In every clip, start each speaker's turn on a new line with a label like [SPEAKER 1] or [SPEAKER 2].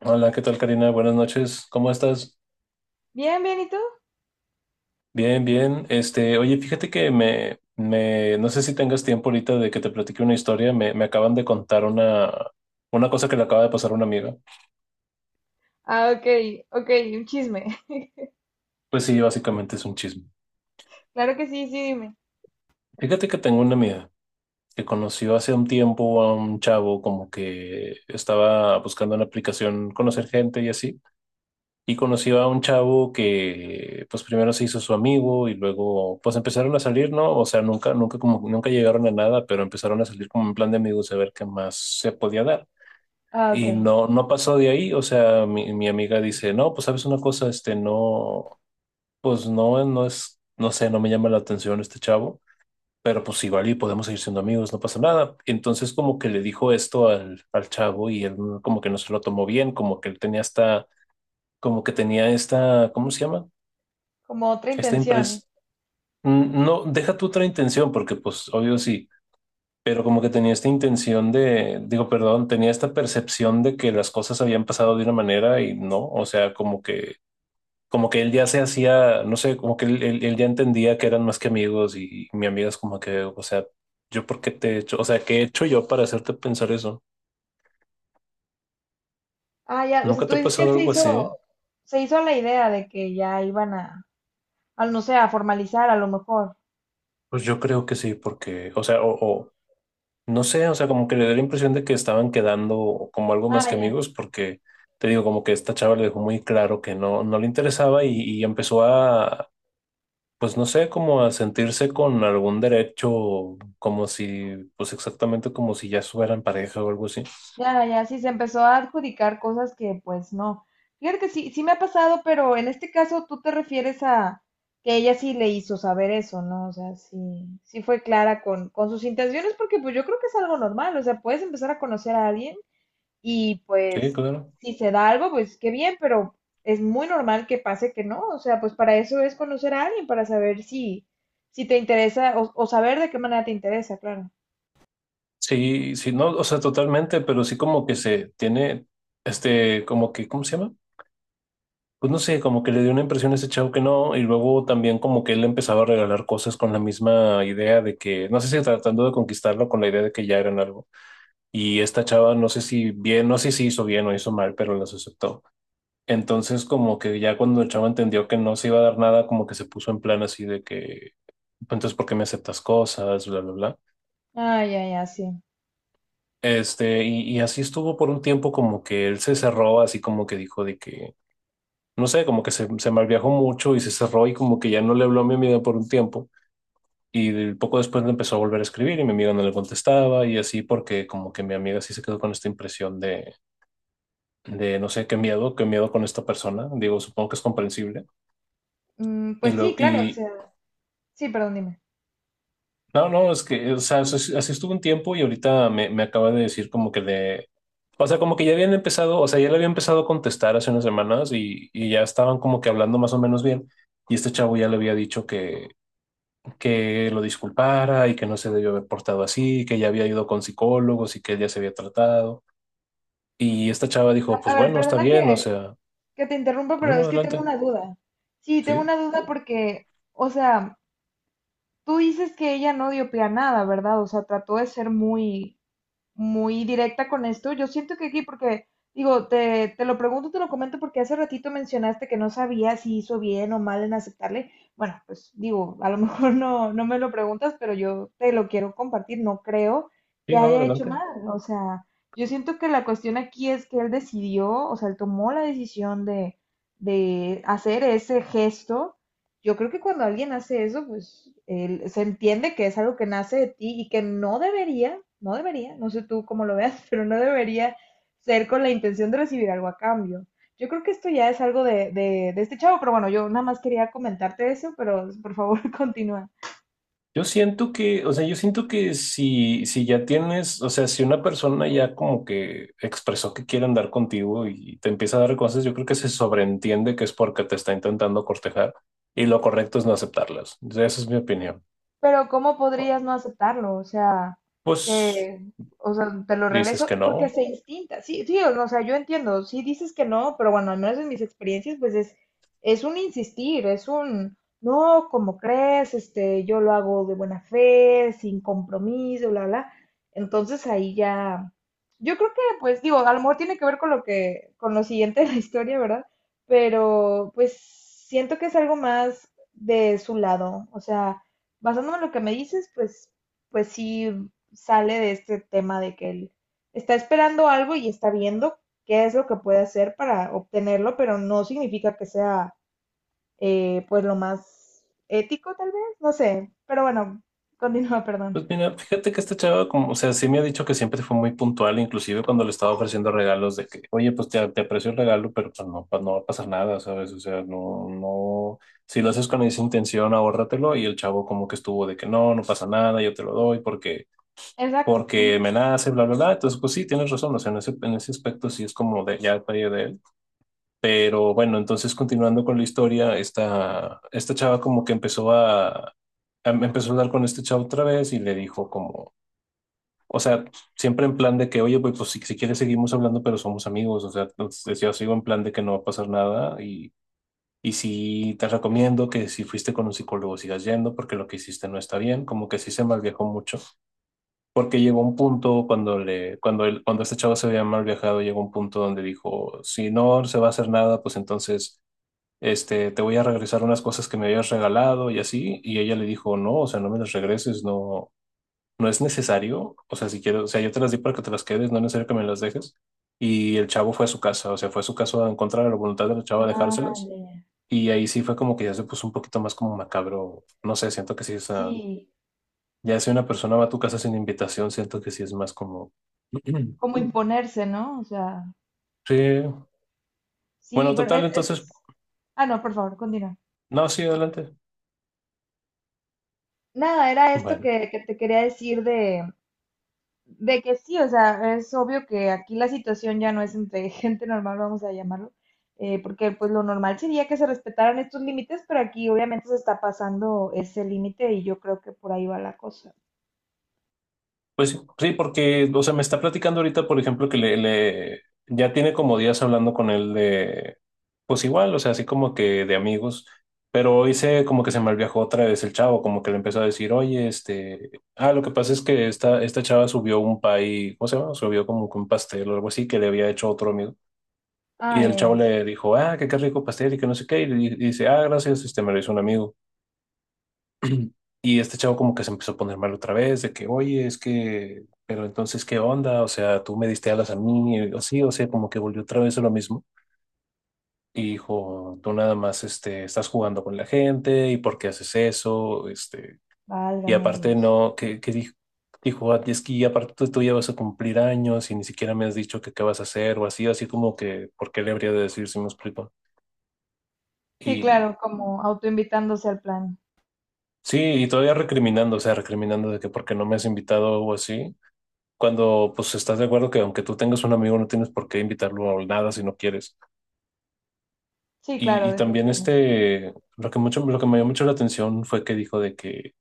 [SPEAKER 1] Hola, ¿qué tal, Karina? Buenas noches. ¿Cómo estás?
[SPEAKER 2] Bien, bien, ¿y tú?
[SPEAKER 1] Bien, bien. Oye, fíjate que no sé si tengas tiempo ahorita de que te platique una historia. Me acaban de contar una cosa que le acaba de pasar a una amiga.
[SPEAKER 2] Ah, ok, ok, un chisme.
[SPEAKER 1] Pues sí, básicamente es un chisme.
[SPEAKER 2] Claro que sí, sí, dime.
[SPEAKER 1] Fíjate que tengo una amiga que conoció hace un tiempo a un chavo como que estaba buscando una aplicación, conocer gente y así. Y conoció a un chavo que pues primero se hizo su amigo y luego pues empezaron a salir, ¿no? O sea, nunca como nunca llegaron a nada, pero empezaron a salir como en plan de amigos a ver qué más se podía dar.
[SPEAKER 2] Ah, ok,
[SPEAKER 1] Y no, no pasó de ahí, o sea, mi amiga dice, no, pues sabes una cosa, no, pues no, no es, no sé, no me llama la atención este chavo, pero pues igual y podemos seguir siendo amigos, no pasa nada. Entonces como que le dijo esto al chavo y él como que no se lo tomó bien, como que él tenía esta, como que tenía esta, ¿cómo se llama?
[SPEAKER 2] como otra
[SPEAKER 1] Esta
[SPEAKER 2] intención.
[SPEAKER 1] empresa no, deja tu otra intención, porque pues obvio sí, pero como que tenía esta intención de, digo, perdón, tenía esta percepción de que las cosas habían pasado de una manera y no, o sea, como que él ya se hacía, no sé, como que él ya entendía que eran más que amigos y, mi amiga es como que, o sea, yo por qué te he hecho, o sea, ¿qué he hecho yo para hacerte pensar eso?
[SPEAKER 2] Ah, ya, o sea,
[SPEAKER 1] ¿Nunca
[SPEAKER 2] tú
[SPEAKER 1] te ha
[SPEAKER 2] dices que
[SPEAKER 1] pasado
[SPEAKER 2] él
[SPEAKER 1] algo así?
[SPEAKER 2] se hizo la idea de que ya iban a, al no sé, a formalizar a lo mejor.
[SPEAKER 1] Pues yo creo que sí, porque, o sea, o no sé, o sea, como que le da la impresión de que estaban quedando como algo más
[SPEAKER 2] Ah,
[SPEAKER 1] que
[SPEAKER 2] ya,
[SPEAKER 1] amigos, porque te digo, como que esta chava le dejó muy claro que no, no le interesaba y empezó a, pues no sé, como a sentirse con algún derecho, como si, pues exactamente como si ya fueran pareja o algo así.
[SPEAKER 2] ya, ya, sí, se empezó a adjudicar cosas que pues no. Fíjate que sí, sí me ha pasado, pero en este caso tú te refieres a que ella sí le hizo saber eso, ¿no? O sea, sí, sí fue clara con sus intenciones, porque pues yo creo que es algo normal, o sea, puedes empezar a conocer a alguien. Y
[SPEAKER 1] Sí,
[SPEAKER 2] pues,
[SPEAKER 1] claro.
[SPEAKER 2] si se da algo, pues qué bien, pero es muy normal que pase que no. O sea, pues para eso es conocer a alguien, para saber si, si te interesa o saber de qué manera te interesa, claro.
[SPEAKER 1] Sí, sí, no, o sea, totalmente, pero sí como que se tiene, como que, ¿cómo se llama? Pues no sé, como que le dio una impresión a ese chavo que no, y luego también como que él le empezaba a regalar cosas con la misma idea de que, no sé si tratando de conquistarlo con la idea de que ya eran algo. Y esta chava, no sé si bien, no sé si hizo bien o hizo mal, pero las aceptó. Entonces como que ya cuando el chavo entendió que no se iba a dar nada, como que se puso en plan así de que, "Pues, entonces, ¿por qué me aceptas cosas? Bla, bla, bla."
[SPEAKER 2] Ah, ya, ya, sí.
[SPEAKER 1] Y así estuvo por un tiempo como que él se cerró, así como que dijo de que no sé, como que se malviajó mucho y se cerró y como que ya no le habló a mi amiga por un tiempo. Y poco después le empezó a volver a escribir y mi amiga no le contestaba y así porque como que mi amiga sí se quedó con esta impresión de no sé, qué miedo con esta persona. Digo, supongo que es comprensible.
[SPEAKER 2] Mm,
[SPEAKER 1] Y
[SPEAKER 2] pues sí,
[SPEAKER 1] luego,
[SPEAKER 2] claro, o
[SPEAKER 1] y
[SPEAKER 2] sea, sí, perdón, dime.
[SPEAKER 1] no, no, es que, o sea, así, así estuvo un tiempo y ahorita me acaba de decir como que le... O sea, como que ya habían empezado, o sea, ya le había empezado a contestar hace unas semanas y ya estaban como que hablando más o menos bien. Y este chavo ya le había dicho que lo disculpara y que no se debió haber portado así, que ya había ido con psicólogos y que ya se había tratado. Y esta chava dijo,
[SPEAKER 2] A
[SPEAKER 1] pues
[SPEAKER 2] ver,
[SPEAKER 1] bueno, está
[SPEAKER 2] perdona
[SPEAKER 1] bien, o sea,
[SPEAKER 2] que te interrumpa,
[SPEAKER 1] no,
[SPEAKER 2] pero
[SPEAKER 1] no,
[SPEAKER 2] es que tengo
[SPEAKER 1] adelante,
[SPEAKER 2] una duda. Sí, tengo
[SPEAKER 1] sí,
[SPEAKER 2] una duda porque, o sea, tú dices que ella no dio pie a nada, ¿verdad? O sea, trató de ser muy, muy directa con esto. Yo siento que aquí, porque digo, te lo pregunto, te lo comento, porque hace ratito mencionaste que no sabía si hizo bien o mal en aceptarle. Bueno, pues digo, a lo mejor no, no me lo preguntas, pero yo te lo quiero compartir. No creo que
[SPEAKER 1] sí, no,
[SPEAKER 2] haya hecho
[SPEAKER 1] adelante.
[SPEAKER 2] mal. O sea, yo siento que la cuestión aquí es que él decidió, o sea, él tomó la decisión de hacer ese gesto. Yo creo que cuando alguien hace eso, pues se entiende que es algo que nace de ti y que no debería, no debería, no sé tú cómo lo veas, pero no debería ser con la intención de recibir algo a cambio. Yo creo que esto ya es algo de este chavo, pero bueno, yo nada más quería comentarte eso, pero por favor continúa.
[SPEAKER 1] Yo siento que, o sea, yo siento que si, si ya tienes, o sea, si una persona ya como que expresó que quiere andar contigo y te empieza a dar cosas, yo creo que se sobreentiende que es porque te está intentando cortejar y lo correcto es no aceptarlas. O sea, esa es mi opinión.
[SPEAKER 2] Pero ¿cómo podrías no aceptarlo? O sea,
[SPEAKER 1] Pues
[SPEAKER 2] que, o sea, te lo
[SPEAKER 1] dices
[SPEAKER 2] regreso
[SPEAKER 1] que
[SPEAKER 2] porque
[SPEAKER 1] no.
[SPEAKER 2] se instinta. Sí, sí, o sea, yo entiendo. Sí dices que no, pero bueno, al menos en mis experiencias, pues es un insistir, es un, no, como crees? Este, yo lo hago de buena fe, sin compromiso, bla, bla. Entonces ahí ya, yo creo que, pues digo, a lo mejor tiene que ver con lo que, con lo siguiente de la historia, ¿verdad? Pero pues siento que es algo más de su lado. O sea, basándome en lo que me dices, pues, pues sí sale de este tema de que él está esperando algo y está viendo qué es lo que puede hacer para obtenerlo, pero no significa que sea pues lo más ético tal vez, no sé, pero bueno, continúa, perdón.
[SPEAKER 1] Pues mira, fíjate que esta chava, como, o sea, sí me ha dicho que siempre fue muy puntual, inclusive cuando le estaba ofreciendo regalos de que, oye, pues te aprecio el regalo, pero pues no va a pasar nada, ¿sabes? O sea, no, no, si lo haces con esa intención, ahórratelo, y el chavo como que estuvo de que no, no pasa nada, yo te lo doy porque,
[SPEAKER 2] Exacto.
[SPEAKER 1] porque
[SPEAKER 2] Ujú.
[SPEAKER 1] me nace, bla, bla, bla. Entonces, pues sí, tienes razón, o sea, en ese aspecto sí es como de, ya fallo de él. Pero bueno, entonces continuando con la historia, esta chava como que empezó a, empezó a hablar con este chavo otra vez y le dijo como, o sea, siempre en plan de que, oye, pues, pues, si quieres seguimos hablando, pero somos amigos. O sea, entonces yo sigo en plan de que no va a pasar nada y sí te recomiendo que si fuiste con un psicólogo sigas yendo porque lo que hiciste no está bien. Como que sí se malviajó mucho porque llegó un punto cuando le, cuando él, cuando este chavo se había mal viajado, llegó un punto donde dijo, si no se va a hacer nada, pues entonces... te voy a regresar unas cosas que me habías regalado y así, y ella le dijo, no, o sea, no me las regreses, no, no es necesario, o sea, si quiero, o sea, yo te las di para que te las quedes, no es necesario que me las dejes. Y el chavo fue a su casa, o sea, fue a su casa en contra de la voluntad del chavo a
[SPEAKER 2] Ah,
[SPEAKER 1] dejárselas.
[SPEAKER 2] ya, ya.
[SPEAKER 1] Y ahí sí fue como que ya se puso un poquito más como macabro, no sé, siento que sí, o sea,
[SPEAKER 2] Sí,
[SPEAKER 1] ya si una persona va a tu casa sin invitación, siento que sí es más como...
[SPEAKER 2] como imponerse, ¿no? O sea,
[SPEAKER 1] Sí,
[SPEAKER 2] sí,
[SPEAKER 1] bueno,
[SPEAKER 2] bueno,
[SPEAKER 1] total,
[SPEAKER 2] es,
[SPEAKER 1] entonces,
[SPEAKER 2] Ah, no, por favor, continúa.
[SPEAKER 1] no, sí, adelante.
[SPEAKER 2] Nada, era esto
[SPEAKER 1] Bueno.
[SPEAKER 2] que te quería decir de que sí, o sea, es obvio que aquí la situación ya no es entre gente normal, vamos a llamarlo, porque pues lo normal sería que se respetaran estos límites, pero aquí obviamente se está pasando ese límite y yo creo que por ahí va la cosa.
[SPEAKER 1] Pues sí, sí, porque, o sea, me está platicando ahorita, por ejemplo, que ya tiene como días hablando con él de, pues igual, o sea, así como que de amigos, pero hoy se como que se malviajó otra vez el chavo, como que le empezó a decir, oye, ah, lo que pasa es que esta chava subió un pay, ¿cómo se llama? Subió como que un pastel o algo así que le había hecho otro amigo.
[SPEAKER 2] Ah,
[SPEAKER 1] Y el
[SPEAKER 2] ya,
[SPEAKER 1] chavo
[SPEAKER 2] ya, sí,
[SPEAKER 1] le dijo, ah, que qué rico pastel y que no sé qué, dice, ah, gracias, me lo hizo un amigo. Y este chavo como que se empezó a poner mal otra vez, de que, oye, es que, pero entonces, ¿qué onda? O sea, tú me diste alas a mí, o sí, o sea, como que volvió otra vez a lo mismo. Y dijo, tú nada más, estás jugando con la gente, ¿y por qué haces eso? Y
[SPEAKER 2] válgame
[SPEAKER 1] aparte
[SPEAKER 2] Dios.
[SPEAKER 1] no, que dijo, dijo, "Ah, es que aparte tú ya vas a cumplir años y ni siquiera me has dicho que qué vas a hacer," o así, así como que, ¿por qué le habría de decir si me explico?
[SPEAKER 2] Sí,
[SPEAKER 1] Y
[SPEAKER 2] claro, como autoinvitándose al plan.
[SPEAKER 1] sí, y todavía recriminando, o sea, recriminando de que por qué no me has invitado o así, cuando pues estás de acuerdo que aunque tú tengas un amigo no tienes por qué invitarlo a nada si no quieres.
[SPEAKER 2] Sí,
[SPEAKER 1] Y,
[SPEAKER 2] claro,
[SPEAKER 1] y también
[SPEAKER 2] definitivamente.
[SPEAKER 1] lo que me llamó mucho la atención fue que dijo de que,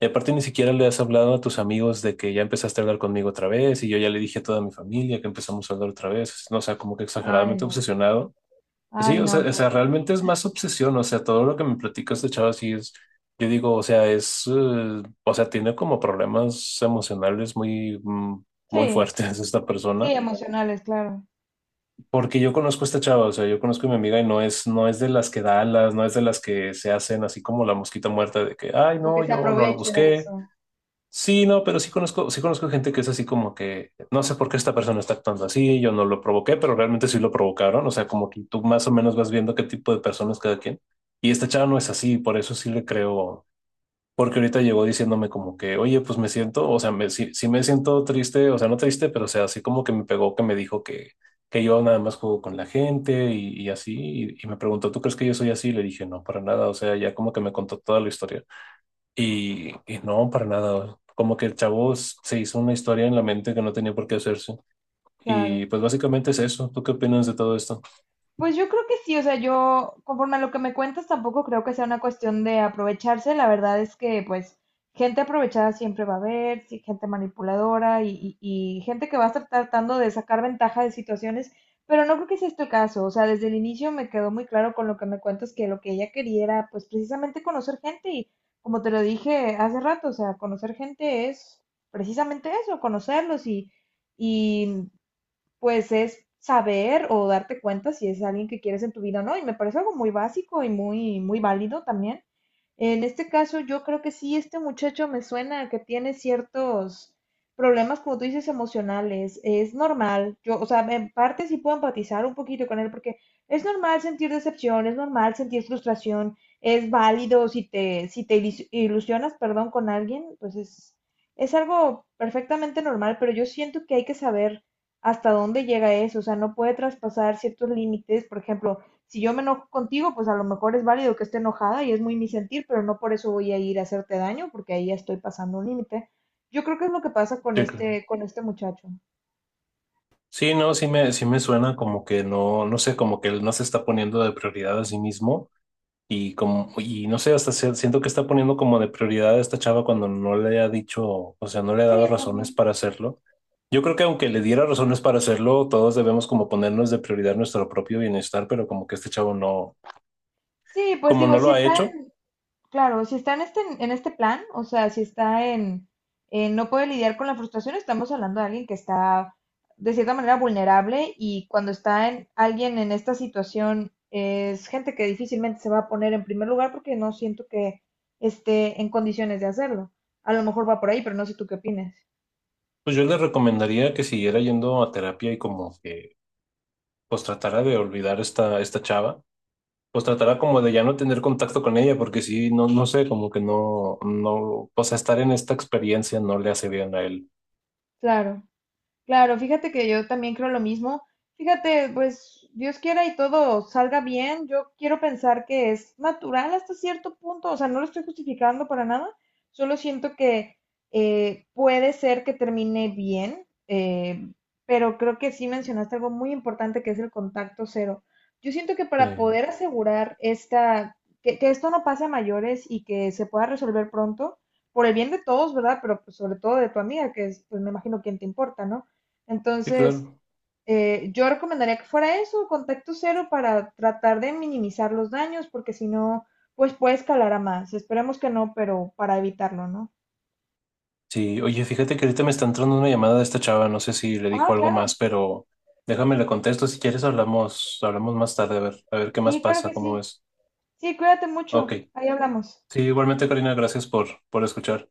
[SPEAKER 1] y aparte ni siquiera le has hablado a tus amigos de que ya empezaste a hablar conmigo otra vez y yo ya le dije a toda mi familia que empezamos a hablar otra vez, no, o sea, como que
[SPEAKER 2] Ay,
[SPEAKER 1] exageradamente
[SPEAKER 2] no.
[SPEAKER 1] obsesionado. Sí,
[SPEAKER 2] Ay,
[SPEAKER 1] o sea,
[SPEAKER 2] no, qué horror.
[SPEAKER 1] realmente es más obsesión, o sea, todo lo que me platicas este chavo sí es, yo digo, o sea, es, o sea, tiene como problemas emocionales muy, muy
[SPEAKER 2] Sí,
[SPEAKER 1] fuertes esta
[SPEAKER 2] sí,
[SPEAKER 1] persona.
[SPEAKER 2] emocionales, claro.
[SPEAKER 1] Porque yo conozco a esta chava, o sea, yo conozco a mi amiga y no es, no es de las que da alas, no es de las que se hacen así como la mosquita muerta de que, ay, no,
[SPEAKER 2] Porque se
[SPEAKER 1] yo no lo
[SPEAKER 2] aproveche de
[SPEAKER 1] busqué.
[SPEAKER 2] eso.
[SPEAKER 1] Sí, no, pero sí conozco gente que es así como que, no sé por qué esta persona está actuando así, yo no lo provoqué, pero realmente sí lo provocaron, o sea, como que tú más o menos vas viendo qué tipo de personas cada quien. Y esta chava no es así, por eso sí le creo, porque ahorita llegó diciéndome como que, oye, pues me siento, o sea, sí, sí me siento triste, o sea, no triste, pero o sea, así como que me pegó, que me dijo que yo nada más juego con la gente y así, y me preguntó, ¿tú crees que yo soy así? Y le dije, no, para nada, o sea, ya como que me contó toda la historia. Y no, para nada, como que el chavo se hizo una historia en la mente que no tenía por qué hacerse. Y
[SPEAKER 2] Claro.
[SPEAKER 1] pues básicamente es eso, ¿tú qué opinas de todo esto?
[SPEAKER 2] Pues yo creo que sí, o sea, yo conforme a lo que me cuentas tampoco creo que sea una cuestión de aprovecharse, la verdad es que pues gente aprovechada siempre va a haber, sí, gente manipuladora y gente que va a estar tratando de sacar ventaja de situaciones, pero no creo que sea este el caso, o sea, desde el inicio me quedó muy claro con lo que me cuentas que lo que ella quería era pues precisamente conocer gente y como te lo dije hace rato, o sea, conocer gente es precisamente eso, conocerlos y... Y pues es saber o darte cuenta si es alguien que quieres en tu vida o no. Y me parece algo muy básico y muy, muy válido también. En este caso, yo creo que sí, este muchacho me suena a que tiene ciertos problemas, como tú dices, emocionales. Es normal. Yo, o sea, en parte sí puedo empatizar un poquito con él porque es normal sentir decepción, es normal sentir frustración, es válido si te, si te ilusionas, perdón, con alguien, pues es algo perfectamente normal, pero yo siento que hay que saber hasta dónde llega eso, o sea, no puede traspasar ciertos límites, por ejemplo, si yo me enojo contigo, pues a lo mejor es válido que esté enojada y es muy mi sentir, pero no por eso voy a ir a hacerte daño, porque ahí ya estoy pasando un límite. Yo creo que es lo que pasa
[SPEAKER 1] Sí, claro.
[SPEAKER 2] con este muchacho.
[SPEAKER 1] Sí, no, sí me suena como que no, no sé, como que él no se está poniendo de prioridad a sí mismo. Y no sé, hasta siento que está poniendo como de prioridad a esta chava cuando no le ha dicho, o sea, no le ha dado
[SPEAKER 2] Sí,
[SPEAKER 1] razones
[SPEAKER 2] también.
[SPEAKER 1] para hacerlo. Yo creo que aunque le diera razones para hacerlo, todos debemos como ponernos de prioridad nuestro propio bienestar, pero como que este chavo no,
[SPEAKER 2] Sí, pues
[SPEAKER 1] como no
[SPEAKER 2] digo,
[SPEAKER 1] lo
[SPEAKER 2] si
[SPEAKER 1] ha
[SPEAKER 2] está...
[SPEAKER 1] hecho,
[SPEAKER 2] Claro, si está en este plan, o sea, si está en no puede lidiar con la frustración, estamos hablando de alguien que está de cierta manera vulnerable y cuando está en alguien en esta situación es gente que difícilmente se va a poner en primer lugar porque no siento que esté en condiciones de hacerlo. A lo mejor va por ahí, pero no sé tú qué opinas.
[SPEAKER 1] pues yo le recomendaría que siguiera yendo a terapia y como que pues tratara de olvidar esta chava, pues tratara como de ya no tener contacto con ella, porque sí, no, no sé, como que no, no, o sea, estar en esta experiencia no le hace bien a él.
[SPEAKER 2] Claro. Claro, fíjate que yo también creo lo mismo. Fíjate, pues Dios quiera y todo salga bien. Yo quiero pensar que es natural hasta cierto punto, o sea, no lo estoy justificando para nada. Solo siento que puede ser que termine bien, pero creo que sí mencionaste algo muy importante que es el contacto cero. Yo siento que
[SPEAKER 1] Sí,
[SPEAKER 2] para poder asegurar esta, que esto no pase a mayores y que se pueda resolver pronto, por el bien de todos, ¿verdad? Pero pues, sobre todo de tu amiga, que es, pues me imagino, quien te importa, ¿no?
[SPEAKER 1] sí,
[SPEAKER 2] Entonces,
[SPEAKER 1] claro.
[SPEAKER 2] yo recomendaría que fuera eso, contacto cero para tratar de minimizar los daños, porque si no, pues puede escalar a más. Esperemos que no, pero para evitarlo, ¿no?
[SPEAKER 1] Sí, oye, fíjate que ahorita me está entrando una llamada de esta chava, no sé si le dijo
[SPEAKER 2] Ah,
[SPEAKER 1] algo más,
[SPEAKER 2] claro.
[SPEAKER 1] pero déjame le contesto, si quieres hablamos, hablamos más tarde, a ver qué más
[SPEAKER 2] Sí, claro
[SPEAKER 1] pasa,
[SPEAKER 2] que
[SPEAKER 1] cómo
[SPEAKER 2] sí.
[SPEAKER 1] es.
[SPEAKER 2] Sí, cuídate
[SPEAKER 1] Ok,
[SPEAKER 2] mucho. Ahí hablamos.
[SPEAKER 1] sí, igualmente Karina, gracias por escuchar.